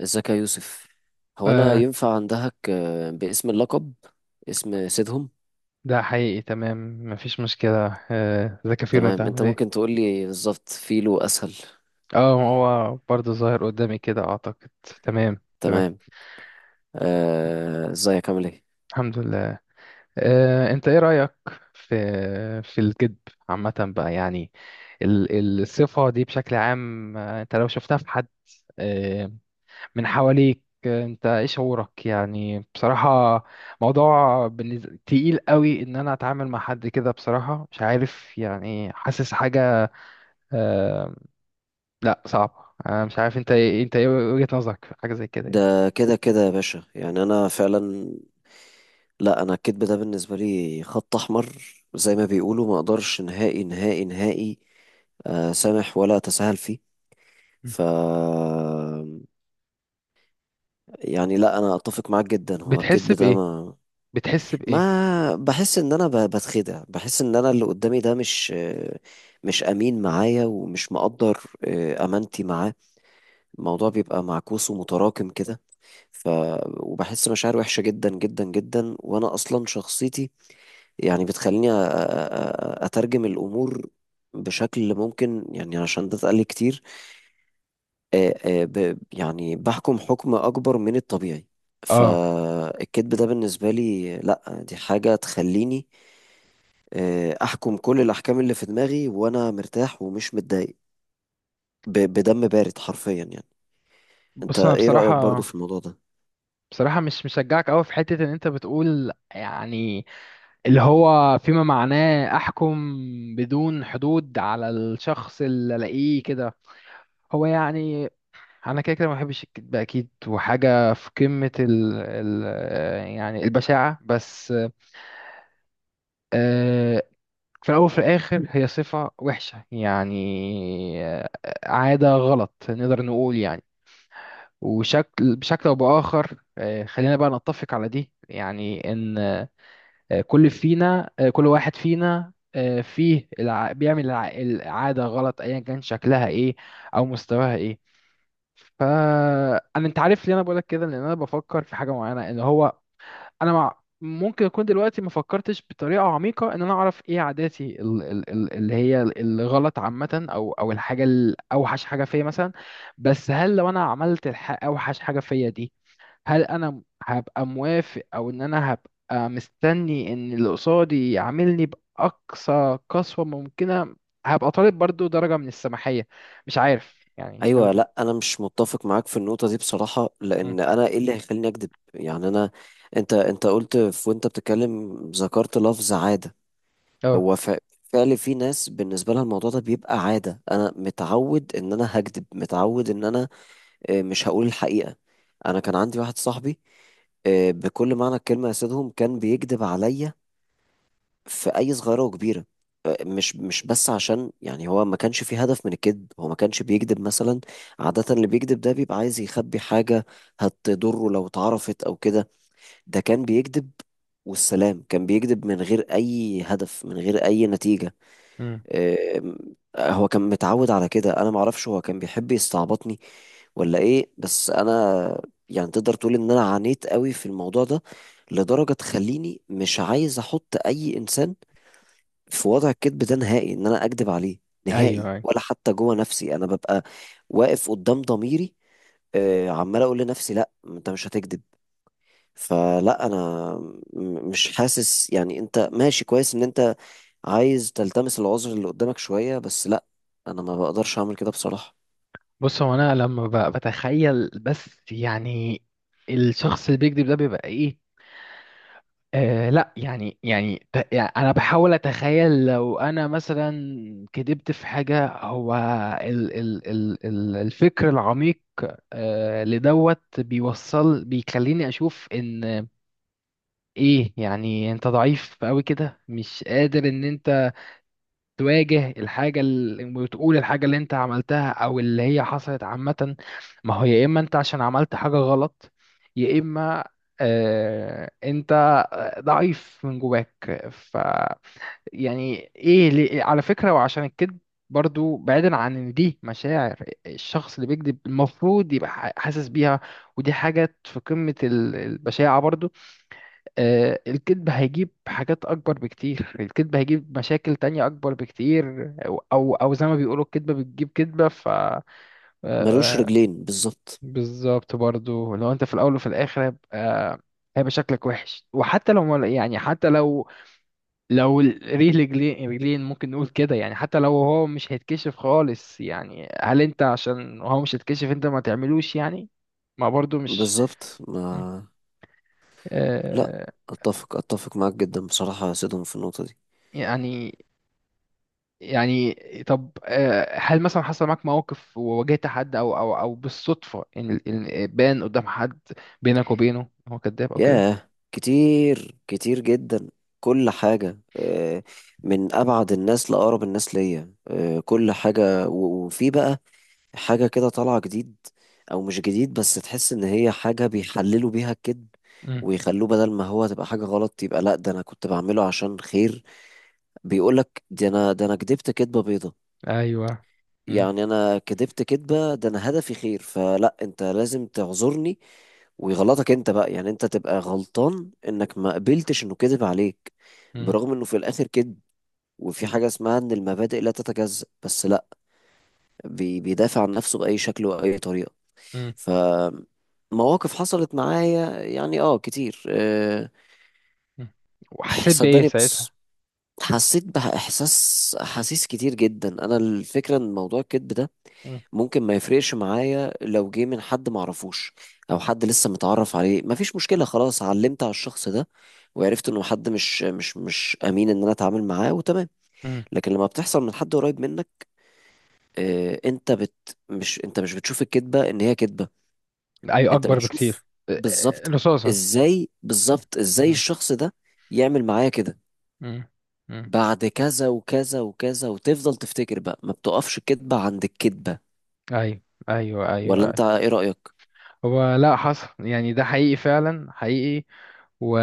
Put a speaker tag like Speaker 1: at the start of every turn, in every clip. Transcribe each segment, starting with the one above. Speaker 1: ازيك يا يوسف؟ هو انا
Speaker 2: آه،
Speaker 1: ينفع عندك باسم اللقب اسم سيدهم؟
Speaker 2: ده حقيقي. تمام، مفيش مشكلة. ذاك فيلو، انت
Speaker 1: تمام. انت
Speaker 2: عامل ايه؟
Speaker 1: ممكن تقول لي بالظبط فيلو اسهل.
Speaker 2: اه، هو برضه ظاهر قدامي كده اعتقد. تمام، تمام.
Speaker 1: تمام. ازيك عامل ايه؟
Speaker 2: الحمد لله. انت ايه رأيك في الكذب عامة بقى، يعني الصفة دي بشكل عام. انت لو شفتها في حد آه من حواليك، انت ايه شعورك؟ يعني بصراحة موضوع بالنسبة تقيل قوي، ان انا اتعامل مع حد كده. بصراحة مش عارف، يعني حاسس حاجة. آه، لا صعب، انا مش عارف. انت ايه وجهة نظرك في حاجة زي كده يعني؟
Speaker 1: ده كده كده يا باشا، يعني انا فعلا، لا انا الكذب ده بالنسبه لي خط احمر، زي ما بيقولوا ما اقدرش نهائي نهائي نهائي سامح ولا اتساهل فيه.
Speaker 2: م.
Speaker 1: ف يعني لا، انا اتفق معاك جدا، هو
Speaker 2: بتحس
Speaker 1: الكذب ده
Speaker 2: بايه
Speaker 1: ما
Speaker 2: بتحس بايه؟
Speaker 1: ما بحس ان انا بتخدع، بحس ان انا اللي قدامي ده مش امين معايا، ومش مقدر امانتي معاه. الموضوع بيبقى معكوس ومتراكم كده. ف وبحس مشاعر وحشة جدا جدا جدا، وانا اصلا شخصيتي يعني بتخليني اترجم الامور بشكل ممكن يعني، عشان ده اتقال لي كتير. آه، يعني بحكم حكم اكبر من الطبيعي.
Speaker 2: اه.
Speaker 1: فالكذب
Speaker 2: م.
Speaker 1: ده بالنسبة لي، لا دي حاجة تخليني احكم كل الاحكام اللي في دماغي، وانا مرتاح ومش متضايق، بدم بارد حرفيا يعني. انت
Speaker 2: بص انا
Speaker 1: ايه رأيك برضو
Speaker 2: بصراحة،
Speaker 1: في الموضوع ده؟
Speaker 2: بصراحة مش مشجعك قوي في حتة ان انت بتقول، يعني اللي هو فيما معناه احكم بدون حدود على الشخص اللي الاقيه كده. هو يعني انا كده كده ما بحبش الكذب اكيد، وحاجة في قمة ال يعني البشاعة بس. آه، في الأول وفي الآخر هي صفة وحشة يعني. آه، عادة غلط نقدر نقول يعني، وشكل بشكل أو بآخر. خلينا بقى نتفق على دي، يعني إن، كل واحد فينا بيعمل العادة غلط، أيا كان شكلها إيه أو مستواها إيه. فأنا، أنت عارف ليه أنا بقولك كده؟ لأن أنا بفكر في حاجة معينة، إن هو انا مع ممكن اكون دلوقتي ما فكرتش بطريقه عميقه ان انا اعرف ايه عاداتي اللي هي الغلط عامه، او الحاجه الاوحش حاجه فيا مثلا. بس هل لو انا عملت اوحش حاجه فيا دي، هل انا هبقى موافق؟ او ان انا هبقى مستني ان اللي قصادي يعاملني باقصى قسوه ممكنه؟ هبقى طالب برضو درجه من السماحيه. مش عارف يعني، شايف
Speaker 1: ايوه،
Speaker 2: ده؟
Speaker 1: لا انا مش متفق معاك في النقطة دي بصراحة،
Speaker 2: مم.
Speaker 1: لان انا ايه اللي هيخليني اكذب يعني؟ انا انت قلت، في وانت بتتكلم ذكرت لفظ عادة.
Speaker 2: اه.
Speaker 1: هو فعلا في ناس بالنسبة لها الموضوع ده بيبقى عادة. انا متعود ان انا هكذب، متعود ان انا مش هقول الحقيقة. انا كان عندي واحد صاحبي بكل معنى الكلمة يا سيدهم، كان بيكذب عليا في اي صغيره وكبيره. مش بس عشان، يعني هو ما كانش فيه هدف من الكذب. هو ما كانش بيكذب مثلا، عادة اللي بيكذب ده بيبقى عايز يخبي حاجة هتضره لو اتعرفت او كده. ده كان بيكذب والسلام، كان بيكذب من غير اي هدف، من غير اي نتيجة.
Speaker 2: مم.
Speaker 1: أم، هو كان متعود على كده. انا معرفش هو كان بيحب يستعبطني ولا ايه، بس انا يعني تقدر تقول ان انا عانيت قوي في الموضوع ده، لدرجة تخليني مش عايز احط اي انسان في وضع الكذب ده نهائي. ان انا اكذب عليه نهائي،
Speaker 2: ايوه.
Speaker 1: ولا حتى جوه نفسي انا ببقى واقف قدام ضميري عمال اقول لنفسي لا انت مش هتكذب. فلا انا مش حاسس يعني انت ماشي كويس ان انت عايز تلتمس العذر اللي قدامك شوية، بس لا انا ما بقدرش اعمل كده بصراحة.
Speaker 2: بص، هو انا لما بتخيل بس، يعني الشخص اللي بيكذب ده بيبقى ايه؟ لا يعني، يعني انا بحاول اتخيل، لو انا مثلا كذبت في حاجة، هو ال ال ال ال الفكر العميق لدوت بيوصل، بيخليني اشوف ان ايه يعني. انت ضعيف قوي كده، مش قادر ان انت تواجه الحاجة وتقول الحاجة اللي انت عملتها او اللي هي حصلت عامة. ما هو يا اما انت عشان عملت حاجة غلط، يا اما انت ضعيف من جواك. ف يعني ايه على فكرة، وعشان الكذب برضو، بعيدا عن ان دي مشاعر الشخص اللي بيكذب المفروض يبقى حاسس بيها، ودي حاجة في قمة البشاعة برضو. الكذب هيجيب حاجات أكبر بكتير، الكذب هيجيب مشاكل تانية أكبر بكتير، أو زي ما بيقولوا الكذبة بتجيب كذبة. ف
Speaker 1: ملوش
Speaker 2: آه،
Speaker 1: رجلين بالظبط.
Speaker 2: بالظبط برضو. لو أنت في الأول وفي الآخر هيبقى، هيبقى شكلك وحش. وحتى لو يعني حتى لو رجلين رجلين ممكن نقول كده يعني، حتى لو هو مش هيتكشف خالص يعني، هل أنت عشان هو مش هيتكشف أنت ما تعملوش يعني؟ ما برضو مش.
Speaker 1: بالظبط. ما لا،
Speaker 2: آه،
Speaker 1: اتفق معاك جدا بصراحة يا سيدهم في النقطة دي.
Speaker 2: يعني يعني طب، هل مثلا حصل معاك مواقف وواجهت حد، او بالصدفة، ان إن بان قدام حد بينك وبينه هو كذاب او كده؟
Speaker 1: ياه، كتير كتير جدا، كل حاجة من أبعد الناس لأقرب الناس ليا كل حاجة. وفي بقى حاجة كده طالعة جديد، أو مش جديد، بس تحس إن هي حاجة بيحللوا بيها الكذب،
Speaker 2: امم.
Speaker 1: ويخلوه بدل ما هو تبقى حاجة غلط، يبقى لأ ده أنا كنت بعمله عشان خير. بيقولك دي أنا، ده أنا كدبت كدبة بيضة،
Speaker 2: ايوه. امم.
Speaker 1: يعني أنا كدبت كدبة، ده أنا هدفي خير، فلأ أنت لازم تعذرني، ويغلطك انت بقى. يعني انت تبقى غلطان انك ما قبلتش انه كذب عليك،
Speaker 2: امم.
Speaker 1: برغم انه في الاخر كذب. وفي حاجة اسمها ان المبادئ لا تتجزأ، بس لا، بيدافع عن نفسه بأي شكل وأي طريقة.
Speaker 2: امم.
Speaker 1: ف مواقف حصلت معايا يعني، اه كتير أه.
Speaker 2: وحسيت بايه
Speaker 1: صدقني،
Speaker 2: ساعتها؟
Speaker 1: بص، حسيت أحاسيس كتير جدا. أنا الفكرة إن موضوع الكذب ده
Speaker 2: امم.
Speaker 1: ممكن ما يفرقش معايا لو جه من حد معرفوش، او حد لسه متعرف عليه، مفيش مشكلة، خلاص علمت على الشخص ده وعرفت انه حد مش امين ان انا اتعامل معاه، وتمام.
Speaker 2: امم.
Speaker 1: لكن لما بتحصل من حد قريب منك انت مش بتشوف الكذبة ان هي كذبة،
Speaker 2: ايوه،
Speaker 1: انت
Speaker 2: اكبر
Speaker 1: بتشوف.
Speaker 2: بكتير،
Speaker 1: بالظبط.
Speaker 2: رصاصة.
Speaker 1: ازاي،
Speaker 2: مم.
Speaker 1: بالظبط ازاي
Speaker 2: مم.
Speaker 1: الشخص ده يعمل معايا كده
Speaker 2: مم. مم.
Speaker 1: بعد كذا وكذا وكذا. وتفضل تفتكر بقى، ما بتقفش الكذبة عند الكذبة،
Speaker 2: ايوه، ايوه،
Speaker 1: ولا
Speaker 2: ايوه.
Speaker 1: انت ايه رأيك؟
Speaker 2: هو لا، حصل يعني، ده حقيقي فعلا حقيقي. و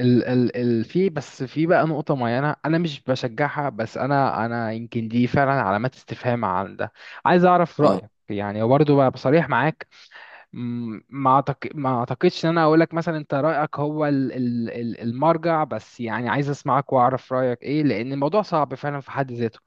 Speaker 2: ال في بقى نقطة معينة أنا مش بشجعها، بس أنا يمكن دي فعلا علامات استفهام عن ده. عايز أعرف
Speaker 1: اه.
Speaker 2: رأيك يعني برضه بقى بصريح معاك. ما أعتقدش إن أنا أقول لك مثلا أنت رأيك هو ال المرجع، بس يعني عايز أسمعك وأعرف رأيك إيه، لأن الموضوع صعب فعلا في حد ذاته.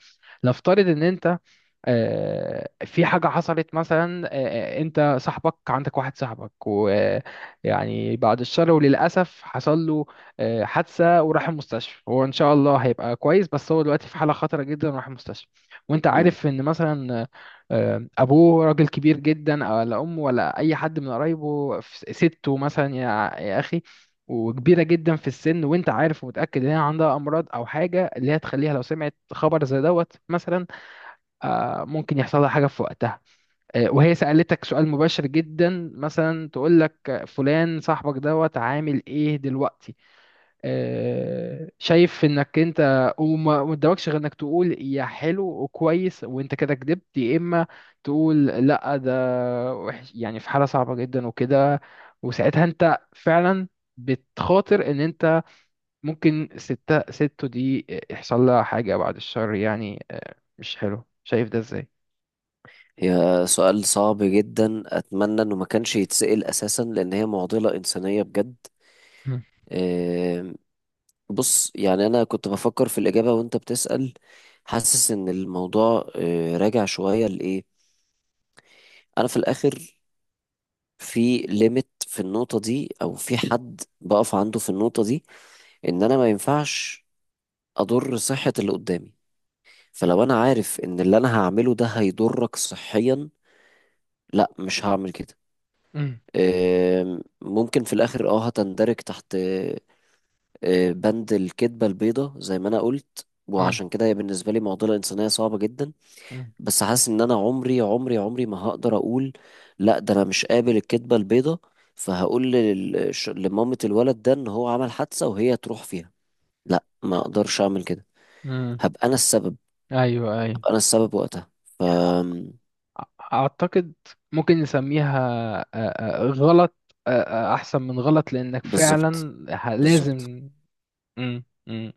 Speaker 2: نفترض إن أنت، في حاجة حصلت مثلا، انت صاحبك عندك واحد صاحبك، ويعني بعد الشر وللأسف حصل له حادثة وراح المستشفى. هو ان شاء الله هيبقى كويس، بس هو دلوقتي في حالة خطرة جدا وراح المستشفى. وانت
Speaker 1: امم.
Speaker 2: عارف ان مثلا ابوه راجل كبير جدا، ولا امه، ولا اي حد من قرايبه، سته مثلا، يا يا اخي، وكبيرة جدا في السن، وانت عارف ومتأكد ان هي عندها امراض او حاجة اللي هي تخليها لو سمعت خبر زي دوت مثلا ممكن يحصل لها حاجة في وقتها. وهي سألتك سؤال مباشر جدا، مثلا تقول لك فلان صاحبك دوت عامل ايه دلوقتي؟ شايف انك انت وما ما قدامكش غير انك تقول يا حلو وكويس وانت كده كدبت، يا اما تقول لا ده وحش يعني في حالة صعبة جدا وكده. وساعتها انت فعلا بتخاطر ان انت ممكن ستو دي يحصل لها حاجة بعد الشر يعني. مش حلو، شايف ده ازاي؟
Speaker 1: هي سؤال صعب جدا، أتمنى إنه ما كانش يتسأل أساسا، لأن هي معضلة إنسانية بجد. آم، بص يعني، أنا كنت بفكر في الإجابة وأنت بتسأل، حاسس إن الموضوع راجع شوية لإيه أنا في الآخر في ليميت في النقطة دي، أو في حد بقف عنده في النقطة دي. إن أنا ما ينفعش أضر صحة اللي قدامي. فلو أنا عارف إن اللي أنا هعمله ده هيضرك صحيا، لا مش هعمل كده.
Speaker 2: مم.
Speaker 1: ممكن في الآخر اه هتندرج تحت بند الكذبة البيضة زي ما أنا قلت،
Speaker 2: مم.
Speaker 1: وعشان كده هي بالنسبة لي معضلة إنسانية صعبة جدا.
Speaker 2: مم.
Speaker 1: بس حاسس إن أنا عمري ما هقدر أقول لأ ده أنا مش قابل الكذبة البيضة، فهقول لمامة الولد ده إن هو عمل حادثة وهي تروح فيها. لأ ما أقدرش أعمل كده،
Speaker 2: مم.
Speaker 1: هبقى أنا السبب،
Speaker 2: ايوه، ايوه.
Speaker 1: هبقى أنا السبب وقتها. أم،
Speaker 2: اعتقد ممكن نسميها غلط، آه، احسن من غلط، لانك
Speaker 1: بالظبط،
Speaker 2: فعلا
Speaker 1: بالظبط.
Speaker 2: لازم. مم. مم.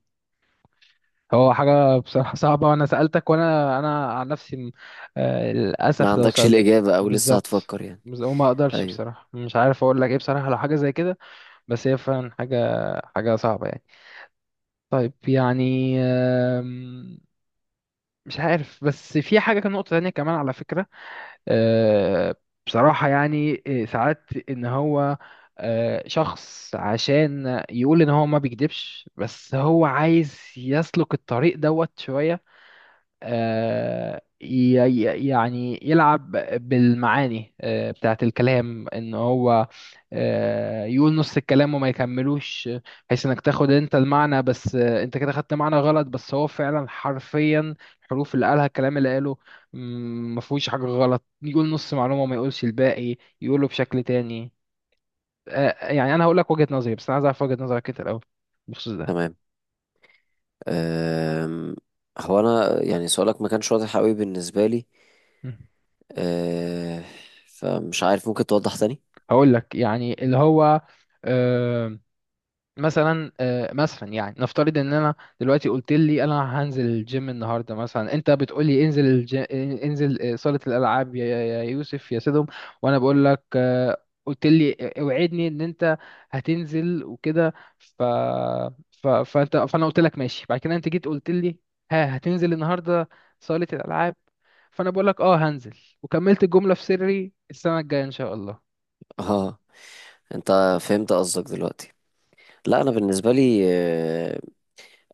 Speaker 2: هو حاجه بصراحه صعبه، وانا سالتك وانا انا عن نفسي
Speaker 1: ما
Speaker 2: للاسف لو
Speaker 1: عندكش
Speaker 2: سالت
Speaker 1: الإجابة أو لسه
Speaker 2: بالظبط،
Speaker 1: هتفكر يعني؟
Speaker 2: بس ما اقدرش
Speaker 1: أيوه.
Speaker 2: بصراحه، مش عارف اقول لك ايه بصراحه لو حاجه زي كده. بس هي فعلا حاجه، حاجه صعبه يعني. طيب، يعني مش عارف. بس في حاجه كان نقطه تانية كمان على فكره. آه، بصراحة يعني ساعات ان هو شخص عشان يقول ان هو ما بيكدبش، بس هو عايز يسلك الطريق دوت شوية، يعني يلعب بالمعاني بتاعة الكلام، ان هو يقول نص الكلام وما يكملوش بحيث انك تاخد انت المعنى، بس انت كده خدت معنى غلط، بس هو فعلا حرفيا الحروف اللي قالها، الكلام اللي قاله ما فيهوش حاجة غلط. يقول نص معلومة وما يقولش الباقي، يقوله بشكل تاني. يعني انا هقول لك وجهة نظري، بس انا عايز اعرف وجهة نظرك انت الاول بخصوص ده.
Speaker 1: تمام. أم، هو انا يعني سؤالك ما كانش واضح قوي بالنسبه لي،
Speaker 2: مم.
Speaker 1: أه، فمش عارف، ممكن توضح تاني.
Speaker 2: هقول لك يعني اللي هو آه، مثلا، يعني نفترض ان انا دلوقتي، قلت لي انا هنزل الجيم النهارده مثلا، انت بتقول لي انزل انزل صالة الالعاب يا يا يا يوسف يا سيدهم. وانا بقول لك قلت لي اوعدني ان انت هتنزل وكده. ف... ف... فانت فانا قلت لك ماشي. بعد كده انت جيت قلت لي ها هتنزل النهارده صالة الالعاب. فانا بقول لك اه هنزل، وكملت الجملة في سري السنة الجاية ان شاء الله.
Speaker 1: اه، انت فهمت قصدك دلوقتي. لا انا بالنسبه لي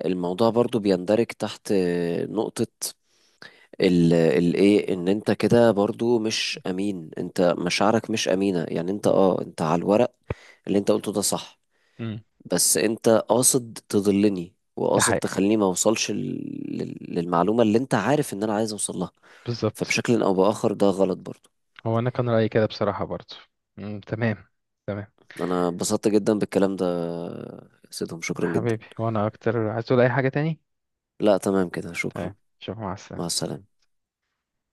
Speaker 1: الموضوع برضو بيندرج تحت نقطه الايه، ان انت كده برضو مش امين، انت مشاعرك مش امينه، يعني انت اه انت على الورق اللي انت قلته ده صح،
Speaker 2: مم.
Speaker 1: بس انت قاصد تضلني
Speaker 2: ده
Speaker 1: وقاصد
Speaker 2: حقيقي،
Speaker 1: تخليني ما اوصلش للمعلومه اللي انت عارف ان انا عايز اوصل لها.
Speaker 2: بالظبط.
Speaker 1: فبشكل او باخر ده غلط برضو.
Speaker 2: هو انا كان رايي كده بصراحه برضه. مم، تمام. تمام.
Speaker 1: انا اتبسطت جدا بالكلام ده يا سيدهم، شكرا جدا.
Speaker 2: حبيبي، وانا اكتر. عايز تقول اي حاجه تاني؟
Speaker 1: لا تمام كده،
Speaker 2: تمام،
Speaker 1: شكرا.
Speaker 2: شوف. مع
Speaker 1: مع
Speaker 2: السلامه.
Speaker 1: السلامة.